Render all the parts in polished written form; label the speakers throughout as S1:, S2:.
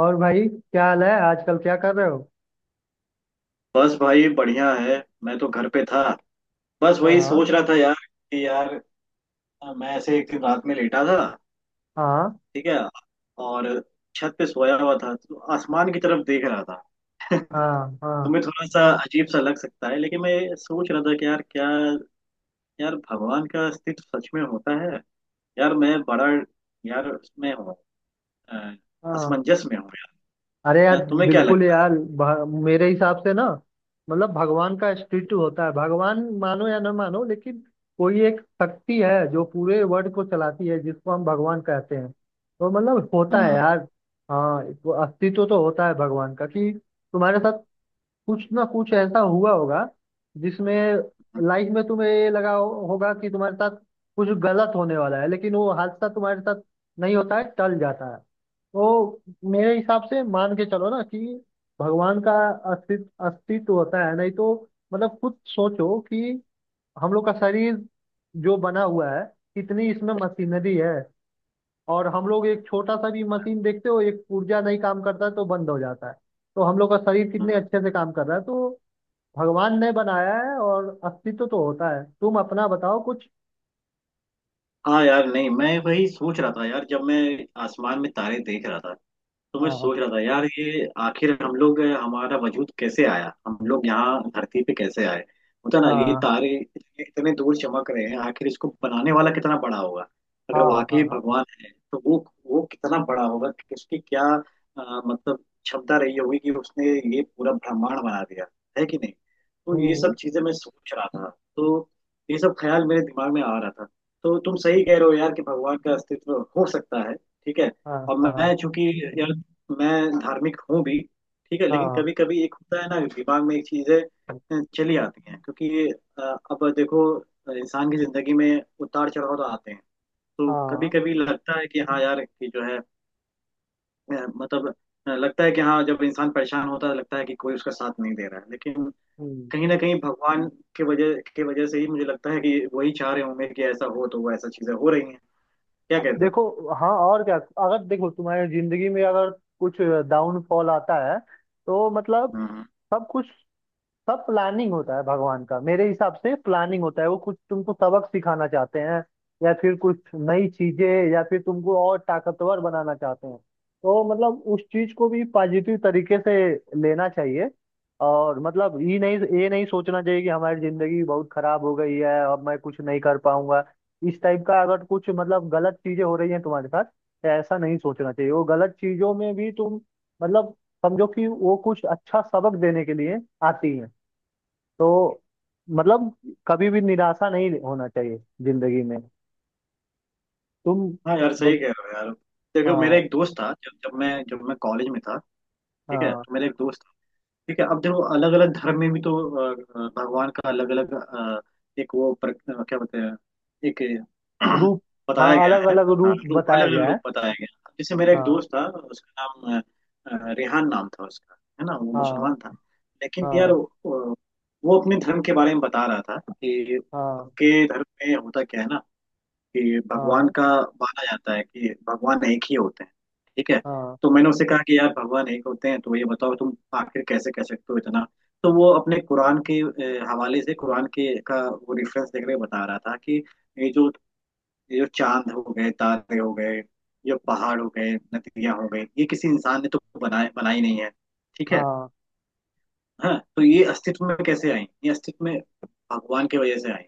S1: और भाई क्या हाल है आजकल क्या कर रहे हो।
S2: बस भाई बढ़िया है। मैं तो घर पे था। बस वही
S1: हाँ।
S2: सोच रहा था यार, कि यार मैं ऐसे एक दिन रात में लेटा था।
S1: हाँ।
S2: ठीक है। और छत पे सोया हुआ था, तो आसमान की तरफ देख रहा था।
S1: हाँ हाँ।
S2: तुम्हें थोड़ा सा अजीब सा लग सकता है, लेकिन मैं ये सोच रहा था कि यार क्या, यार भगवान का अस्तित्व सच में होता है। यार मैं बड़ा, यार उसमें हूँ, अ,
S1: हाँ।
S2: असमंजस में हूँ।
S1: अरे
S2: यार
S1: यार
S2: तुम्हें क्या
S1: बिल्कुल
S2: लगता है?
S1: यार मेरे हिसाब से ना मतलब भगवान का स्टेचू होता है। भगवान मानो या ना मानो लेकिन कोई एक शक्ति है जो पूरे वर्ल्ड को चलाती है जिसको हम भगवान कहते हैं, तो मतलब होता है
S2: हम्म,
S1: यार। हाँ, वो अस्तित्व तो होता है भगवान का कि तुम्हारे साथ कुछ ना कुछ ऐसा हुआ होगा जिसमें
S2: हम्म,
S1: लाइफ में तुम्हें ये लगा होगा कि तुम्हारे साथ कुछ गलत होने वाला है लेकिन वो हादसा तुम्हारे साथ नहीं होता है, टल जाता है। तो मेरे हिसाब से मान के चलो ना कि भगवान का अस्तित्व अस्तित्व होता है। नहीं तो मतलब खुद सोचो कि हम लोग का शरीर जो बना हुआ है कितनी इसमें मशीनरी है। और हम लोग एक छोटा सा भी मशीन देखते हो एक पुर्जा नहीं काम करता है तो बंद हो जाता है। तो हम लोग का शरीर कितने
S2: हम्म।
S1: अच्छे से काम कर रहा है, तो भगवान ने बनाया है और अस्तित्व तो होता है। तुम अपना बताओ कुछ।
S2: हाँ यार, नहीं, मैं वही सोच रहा था यार, जब मैं आसमान में तारे देख रहा था, तो मैं
S1: हाँ।
S2: सोच रहा था यार, ये आखिर हम लोग, हमारा वजूद कैसे आया, हम लोग यहाँ धरती पे कैसे आए। होता ना, ये
S1: हाँ
S2: तारे इतने दूर चमक रहे हैं, आखिर इसको बनाने वाला कितना बड़ा होगा। अगर
S1: हाँ।
S2: वाकई
S1: हाँ।
S2: भगवान है तो वो कितना बड़ा होगा, कि उसकी क्या, मतलब क्षमता रही होगी, कि उसने ये पूरा ब्रह्मांड बना दिया, है कि नहीं। तो ये
S1: हम्म।
S2: सब चीजें मैं सोच रहा था। तो ये सब ख्याल मेरे दिमाग में आ रहा था। तो तुम सही कह रहे हो यार, कि भगवान का अस्तित्व हो सकता है। ठीक है।
S1: हाँ
S2: और
S1: हाँ।
S2: मैं चूंकि यार, मैं धार्मिक हूँ भी। ठीक है, लेकिन
S1: हाँ
S2: कभी कभी एक होता है ना, दिमाग में एक चीजें चली आती हैं, क्योंकि अ, अब देखो, इंसान की जिंदगी में उतार चढ़ाव तो आते हैं। तो कभी
S1: हाँ।
S2: कभी लगता है कि हाँ यार, कि जो है, मतलब, लगता है कि हाँ, जब इंसान परेशान होता है, लगता है कि कोई उसका साथ नहीं दे रहा है, लेकिन
S1: हम्म।
S2: कहीं ना कहीं भगवान के वजह से ही मुझे लगता है कि वही चाह रहे होंगे कि ऐसा हो, तो वो ऐसा चीजें हो रही हैं। क्या कहते हो?
S1: देखो, हाँ और क्या। अगर देखो तुम्हारी जिंदगी में अगर कुछ डाउनफॉल आता है तो मतलब
S2: हम्म।
S1: सब कुछ, सब प्लानिंग होता है भगवान का। मेरे हिसाब से प्लानिंग होता है, वो कुछ तुमको सबक सिखाना चाहते हैं या फिर कुछ नई चीजें या फिर तुमको और ताकतवर बनाना चाहते हैं। तो मतलब उस चीज को भी पॉजिटिव तरीके से लेना चाहिए। और मतलब ये नहीं सोचना चाहिए कि हमारी जिंदगी बहुत खराब हो गई है, अब मैं कुछ नहीं कर पाऊंगा। इस टाइप का अगर कुछ मतलब गलत चीजें हो रही हैं तुम्हारे साथ तो ऐसा नहीं सोचना चाहिए। वो गलत चीजों में भी तुम मतलब समझो कि वो कुछ अच्छा सबक देने के लिए आती है। तो मतलब कभी भी निराशा नहीं होना चाहिए जिंदगी में तुम,
S2: हाँ यार, सही
S1: बस।
S2: कह रहे हो यार। देखो, मेरा
S1: हाँ
S2: एक दोस्त था, जब जब मैं कॉलेज में था। ठीक है,
S1: हाँ।
S2: तो मेरा एक दोस्त। ठीक है, अब देखो, अलग अलग धर्म में भी तो अ, भगवान का अलग अलग, एक वो क्या बोलते हैं, एक
S1: रूप।
S2: बताया
S1: हाँ
S2: गया
S1: अलग
S2: है।
S1: अलग
S2: हाँ
S1: रूप
S2: रूप,
S1: बताया
S2: अलग अलग
S1: गया है।
S2: रूप बताया गया है। जैसे मेरा एक
S1: हाँ।
S2: दोस्त था, उसका नाम रेहान नाम था उसका, है ना? वो
S1: हाँ।
S2: मुसलमान था, लेकिन यार
S1: हाँ।
S2: वो अपने धर्म के बारे में बता रहा था, कि
S1: हाँ।
S2: उनके धर्म में होता क्या है ना, कि भगवान
S1: हाँ।
S2: का माना जाता है कि भगवान एक ही होते हैं। ठीक है।
S1: हाँ।
S2: तो मैंने उसे कहा कि यार, भगवान एक होते हैं, तो ये बताओ तुम आखिर कैसे कह सकते हो इतना। तो वो अपने कुरान के, हवाले से, कुरान के का वो रेफरेंस देख के बता रहा था कि ये जो ये जो चांद हो गए, तारे हो गए, ये पहाड़ हो गए, नदियां हो गई, ये किसी इंसान ने तो बनाए, बनाई नहीं है। ठीक है।
S1: हाँ।
S2: हाँ, तो ये अस्तित्व में कैसे आई, ये अस्तित्व में भगवान की वजह से आई।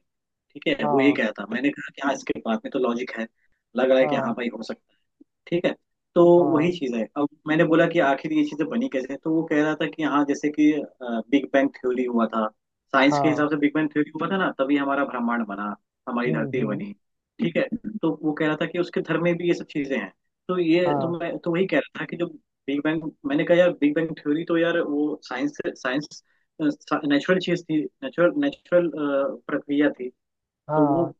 S2: ठीक है, वो ये
S1: हाँ।
S2: कहता, मैंने कहा कि हाँ, इसके बात में तो लॉजिक है, लग रहा है कि हाँ
S1: हाँ।
S2: भाई, हो सकता है। ठीक है। तो वही
S1: हाँ।
S2: चीज है। अब मैंने बोला कि आखिर ये चीजें बनी कैसे, तो वो कह रहा था कि हाँ, जैसे कि बिग बैंग थ्योरी हुआ था, साइंस के
S1: हाँ।
S2: हिसाब से बिग बैंग थ्योरी हुआ था ना, तभी हमारा ब्रह्मांड बना, हमारी धरती
S1: हम्म।
S2: बनी। ठीक है। तो वो कह रहा था कि उसके धर्म में भी ये सब चीजें हैं। तो ये तो
S1: हाँ
S2: मैं तो वही कह रहा था कि जो बिग बैंग, मैंने कहा यार, बिग बैंग थ्योरी तो यार वो साइंस साइंस नेचुरल चीज थी, नेचुरल नेचुरल प्रक्रिया थी। तो वो,
S1: हाँ।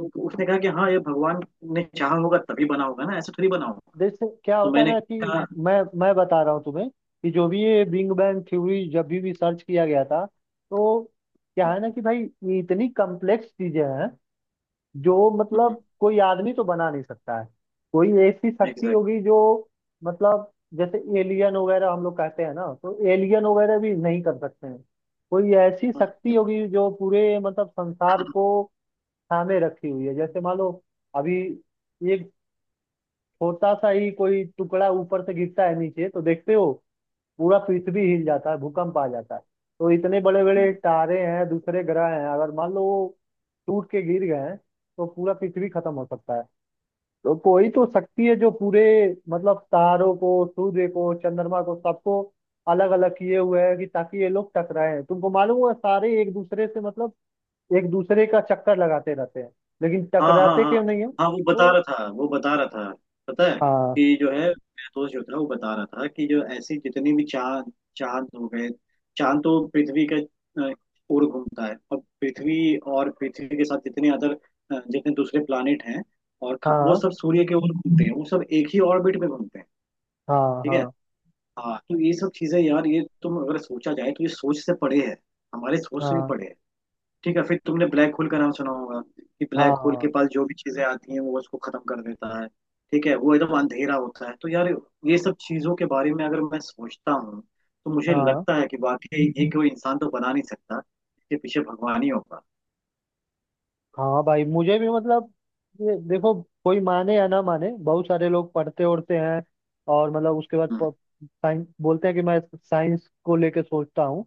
S2: तो उसने कहा कि हाँ, ये भगवान ने चाहा होगा तभी बना होगा ना, ऐसे थोड़ी बना होगा।
S1: जैसे क्या
S2: तो
S1: होता है
S2: मैंने
S1: ना कि
S2: कहा,
S1: मैं मैं बता रहा हूँ तुम्हें कि जो भी ये बिग बैंग थ्योरी जब भी सर्च किया गया था तो क्या है ना कि भाई ये इतनी कॉम्प्लेक्स चीजें हैं जो मतलब कोई आदमी तो बना नहीं सकता है। कोई ऐसी शक्ति
S2: एग्जैक्ट।
S1: होगी जो मतलब जैसे एलियन वगैरह हम लोग कहते हैं ना, तो एलियन वगैरह भी नहीं कर सकते हैं। कोई ऐसी शक्ति होगी जो पूरे मतलब संसार को थामे रखी हुई है। जैसे मान लो अभी एक छोटा सा ही कोई टुकड़ा ऊपर से गिरता है नीचे तो देखते हो पूरा पृथ्वी हिल जाता है, भूकंप आ जाता है। तो इतने बड़े बड़े तारे हैं, दूसरे ग्रह हैं, अगर मान लो वो टूट के गिर गए हैं तो पूरा पृथ्वी खत्म हो सकता है। तो कोई तो शक्ति है जो पूरे मतलब तारों को, सूर्य को, चंद्रमा को, सबको अलग अलग किए हुए है कि ताकि ये लोग टकराए। तुमको मालूम हुआ, सारे एक दूसरे से मतलब एक दूसरे का चक्कर लगाते रहते हैं लेकिन
S2: हाँ हाँ
S1: टकराते
S2: हाँ
S1: क्यों नहीं है
S2: हाँ, वो बता
S1: तो।
S2: रहा था, वो बता रहा था, पता है,
S1: हाँ
S2: कि जो है, मेरा दोस्त जो था, वो बता रहा था कि जो ऐसी जितनी भी चांद, चांद हो गए, चांद तो पृथ्वी का अ, ओर घूमता है, और पृथ्वी के साथ जितने दूसरे प्लानिट हैं, वो
S1: हाँ
S2: सब सूर्य के ओर घूमते हैं, वो सब एक ही ऑर्बिट में घूमते हैं।
S1: हाँ।
S2: ठीक है।
S1: हाँ।
S2: हाँ, तो ये सब चीजें यार, ये तुम अगर सोचा जाए तो ये सोच से परे है, हमारे सोच से भी
S1: हाँ।
S2: परे है। ठीक है। फिर तुमने ब्लैक होल का नाम सुना होगा, कि ब्लैक होल के
S1: हाँ।
S2: पास जो भी चीजें आती हैं, वो उसको खत्म कर देता है। ठीक है, वो एकदम अंधेरा होता है। तो यार, ये सब चीजों के बारे में अगर मैं सोचता हूँ, तो मुझे
S1: हाँ।
S2: लगता है कि वाकई ये कोई इंसान तो बना नहीं सकता, इसके पीछे भगवान ही होगा।
S1: हाँ भाई मुझे भी मतलब ये देखो कोई माने या ना माने, बहुत सारे लोग पढ़ते उड़ते हैं और मतलब उसके बाद
S2: हम्म,
S1: साइंस बोलते हैं कि मैं साइंस को लेके सोचता हूँ,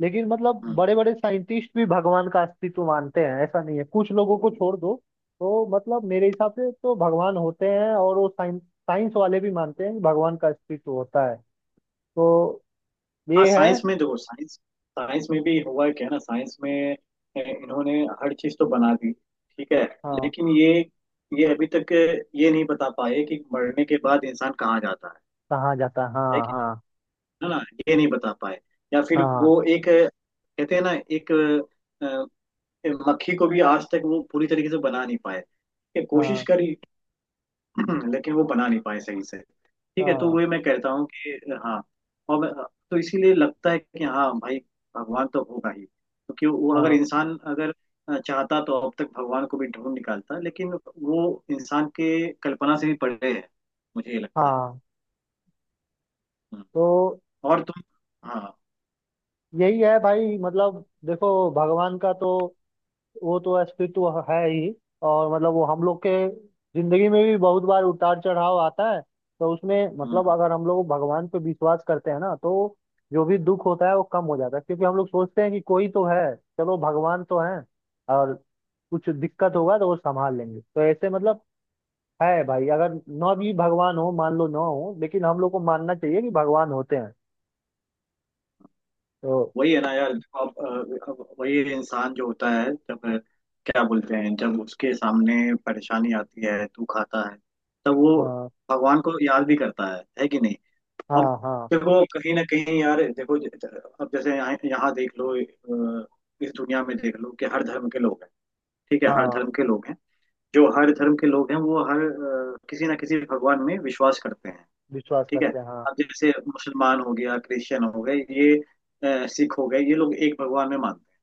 S1: लेकिन मतलब
S2: हम्म।
S1: बड़े बड़े साइंटिस्ट भी भगवान का अस्तित्व मानते हैं। ऐसा नहीं है, कुछ लोगों को छोड़ दो। तो मतलब मेरे हिसाब से तो भगवान होते हैं और वो साइंस, साइंस वाले भी मानते हैं कि भगवान का अस्तित्व होता है। तो
S2: हाँ
S1: ये है।
S2: साइंस में देखो, साइंस साइंस में भी हुआ क्या ना, साइंस में इन्होंने हर चीज तो बना दी। ठीक है,
S1: हाँ।
S2: लेकिन ये अभी तक ये नहीं बता पाए कि मरने के बाद इंसान कहाँ जाता है
S1: कहाँ जाता है,
S2: है
S1: हाँ
S2: कि
S1: हाँ।
S2: नहीं, है ना? ये नहीं बता पाए। या फिर
S1: हाँ।
S2: वो एक, कहते हैं ना, एक, मक्खी को भी आज तक वो पूरी तरीके से बना नहीं पाए, ये कोशिश
S1: हाँ।
S2: करी, लेकिन वो बना नहीं पाए सही से। ठीक है, तो
S1: हाँ।
S2: वही मैं कहता हूँ कि हाँ, और मैं- तो इसीलिए लगता है कि हाँ भाई, भगवान तो होगा ही, क्योंकि वो अगर,
S1: हाँ।
S2: इंसान अगर चाहता तो अब तक भगवान को भी ढूंढ निकालता, लेकिन वो इंसान के कल्पना से भी परे है, मुझे ये लगता है।
S1: हाँ।
S2: हम्म।
S1: तो
S2: और तुम। हाँ।
S1: यही है भाई मतलब देखो भगवान का तो वो तो अस्तित्व है ही। और मतलब वो हम लोग के जिंदगी में भी बहुत बार उतार चढ़ाव आता है। तो उसमें मतलब
S2: हम्म।
S1: अगर हम लोग भगवान पे विश्वास करते हैं ना तो जो भी दुख होता है वो कम हो जाता है, क्योंकि हम लोग सोचते हैं कि कोई तो है, चलो भगवान तो है और कुछ दिक्कत होगा तो वो संभाल लेंगे। तो ऐसे मतलब है भाई, अगर ना भी भगवान हो मान लो ना हो, लेकिन हम लोग को मानना चाहिए कि भगवान होते हैं। तो
S2: वही है ना यार, अब वही इंसान जो होता है, जब क्या बोलते हैं, जब उसके सामने परेशानी आती है, तू खाता है, तब वो
S1: अ,
S2: भगवान को याद भी करता है कि नहीं?
S1: हाँ।
S2: अब
S1: हाँ
S2: देखो, कहीं ना कहीं यार, देखो, अब जैसे यहाँ यहाँ देख लो, इस दुनिया में देख लो, कि हर धर्म के लोग हैं। ठीक है, हर
S1: हाँ।
S2: धर्म के लोग हैं। जो हर धर्म के लोग हैं, वो हर किसी ना किसी भगवान में विश्वास करते हैं।
S1: विश्वास
S2: ठीक है।
S1: करते हैं हाँ।
S2: अब जैसे मुसलमान हो गया, क्रिश्चियन हो गए ये, सिख हो गए, ये लोग एक भगवान में मानते हैं।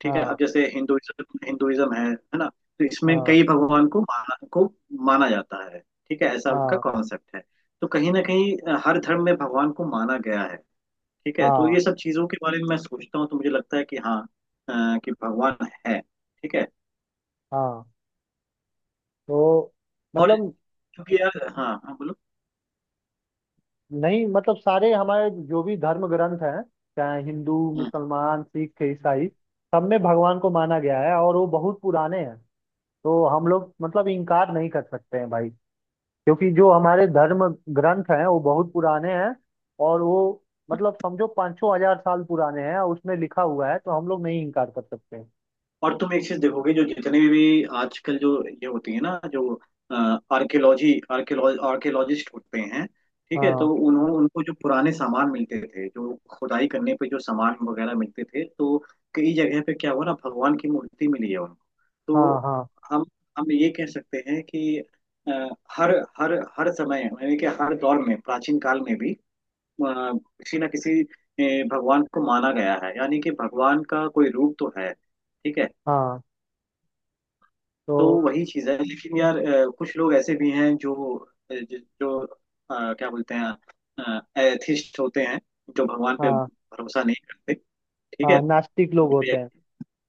S2: ठीक है। अब
S1: हाँ।
S2: जैसे हिंदुइज्म, हिंदुइज्म है ना? तो इसमें
S1: हाँ।
S2: कई भगवान को माना जाता है। ठीक है, ऐसा उनका
S1: हाँ।
S2: कॉन्सेप्ट है। तो कहीं ना कहीं हर धर्म में भगवान को माना गया है। ठीक है, तो
S1: हाँ।
S2: ये सब चीजों के बारे में मैं सोचता हूँ, तो मुझे लगता है कि हाँ, कि भगवान है। ठीक है।
S1: हाँ। तो
S2: और,
S1: मतलब
S2: क्योंकि यार, हाँ हाँ बोलो।
S1: नहीं मतलब सारे हमारे जो भी धर्म ग्रंथ हैं, चाहे हिंदू,
S2: हम्म।
S1: मुसलमान, सिख, ईसाई, सब में भगवान को माना गया है और वो बहुत पुराने हैं। तो हम लोग मतलब इनकार नहीं कर सकते हैं भाई, क्योंकि जो हमारे धर्म ग्रंथ हैं वो बहुत पुराने हैं। और वो मतलब समझो 5000 हजार साल पुराने हैं और उसमें लिखा हुआ है, तो हम लोग नहीं इनकार कर सकते।
S2: और तुम एक चीज देखोगे, जो जितने भी आजकल जो ये होती है ना, जो आर्कियोलॉजी आर्कियोलॉजिस्ट होते हैं। ठीक है, तो
S1: हाँ
S2: उन्होंने, उनको जो पुराने सामान मिलते थे, जो खुदाई करने पे जो सामान वगैरह मिलते थे, तो कई जगह पे क्या हुआ ना, भगवान की मूर्ति मिली है उनको।
S1: हाँ।
S2: तो
S1: हाँ
S2: हम हम ये कह सकते हैं कि अ, हर हर हर समय, यानी कि हर दौर में, प्राचीन काल में भी किसी ना किसी भगवान को माना गया है, यानी कि भगवान का कोई रूप तो है। ठीक है।
S1: हाँ। तो
S2: तो वही चीज है, लेकिन यार कुछ लोग ऐसे भी हैं जो जो, जो क्या बोलते हैं, एथिस्ट होते हैं, जो भगवान पे
S1: हाँ।
S2: भरोसा नहीं करते। ठीक है।
S1: हाँ नास्तिक लोग
S2: उनको
S1: होते
S2: ये-
S1: हैं।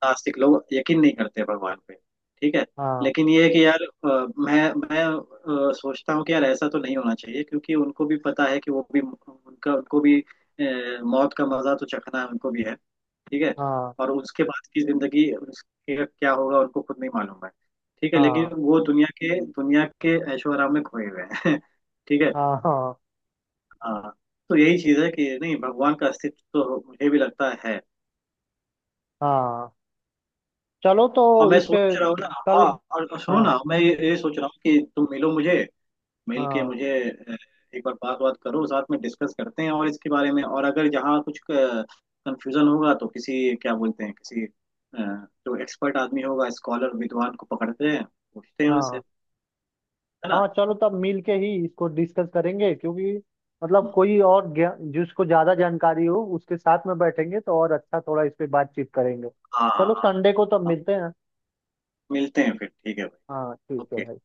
S2: नास्तिक लोग यकीन नहीं करते भगवान पे। ठीक है।
S1: हाँ।
S2: लेकिन ये है कि यार मैं सोचता हूँ कि यार, ऐसा तो नहीं होना चाहिए, क्योंकि उनको भी पता है कि वो भी, उनका उनको भी मौत का मजा तो चखना है, उनको भी है। ठीक है।
S1: हाँ।
S2: और उसके बाद की जिंदगी, उसके क्या होगा, उनको खुद नहीं मालूम है। ठीक है, लेकिन
S1: हाँ।
S2: वो दुनिया के ऐशो आराम में खोए हुए हैं। ठीक है।
S1: हाँ। हाँ।
S2: हाँ, तो यही चीज है कि नहीं, भगवान का अस्तित्व तो मुझे भी लगता है।
S1: हाँ चलो तो
S2: और मैं
S1: इस पे
S2: सोच रहा हूँ ना,
S1: कल।
S2: हाँ, और सुनो
S1: हाँ।
S2: ना, मैं ये सोच रहा हूँ कि तुम मिलो मुझे, मिल के
S1: हाँ।
S2: मुझे एक बार बात, बात करो, साथ में डिस्कस करते हैं और इसके बारे में, और अगर यहाँ कुछ कंफ्यूजन होगा तो किसी, क्या बोलते हैं, किसी जो एक्सपर्ट आदमी होगा, स्कॉलर विद्वान को पकड़ते हैं, पूछते हैं
S1: हाँ।
S2: उनसे, है ना?
S1: हाँ। चलो तब मिल के ही इसको डिस्कस करेंगे, क्योंकि मतलब
S2: हम्म,
S1: कोई और जिसको ज्यादा जानकारी हो उसके साथ में बैठेंगे तो और अच्छा थोड़ा इस पे बातचीत करेंगे।
S2: हाँ हाँ
S1: चलो
S2: हाँ।
S1: संडे को तब
S2: हाँ,
S1: मिलते हैं।
S2: मिलते हैं फिर, ठीक है भाई।
S1: हाँ ठीक है
S2: ओके।
S1: भाई।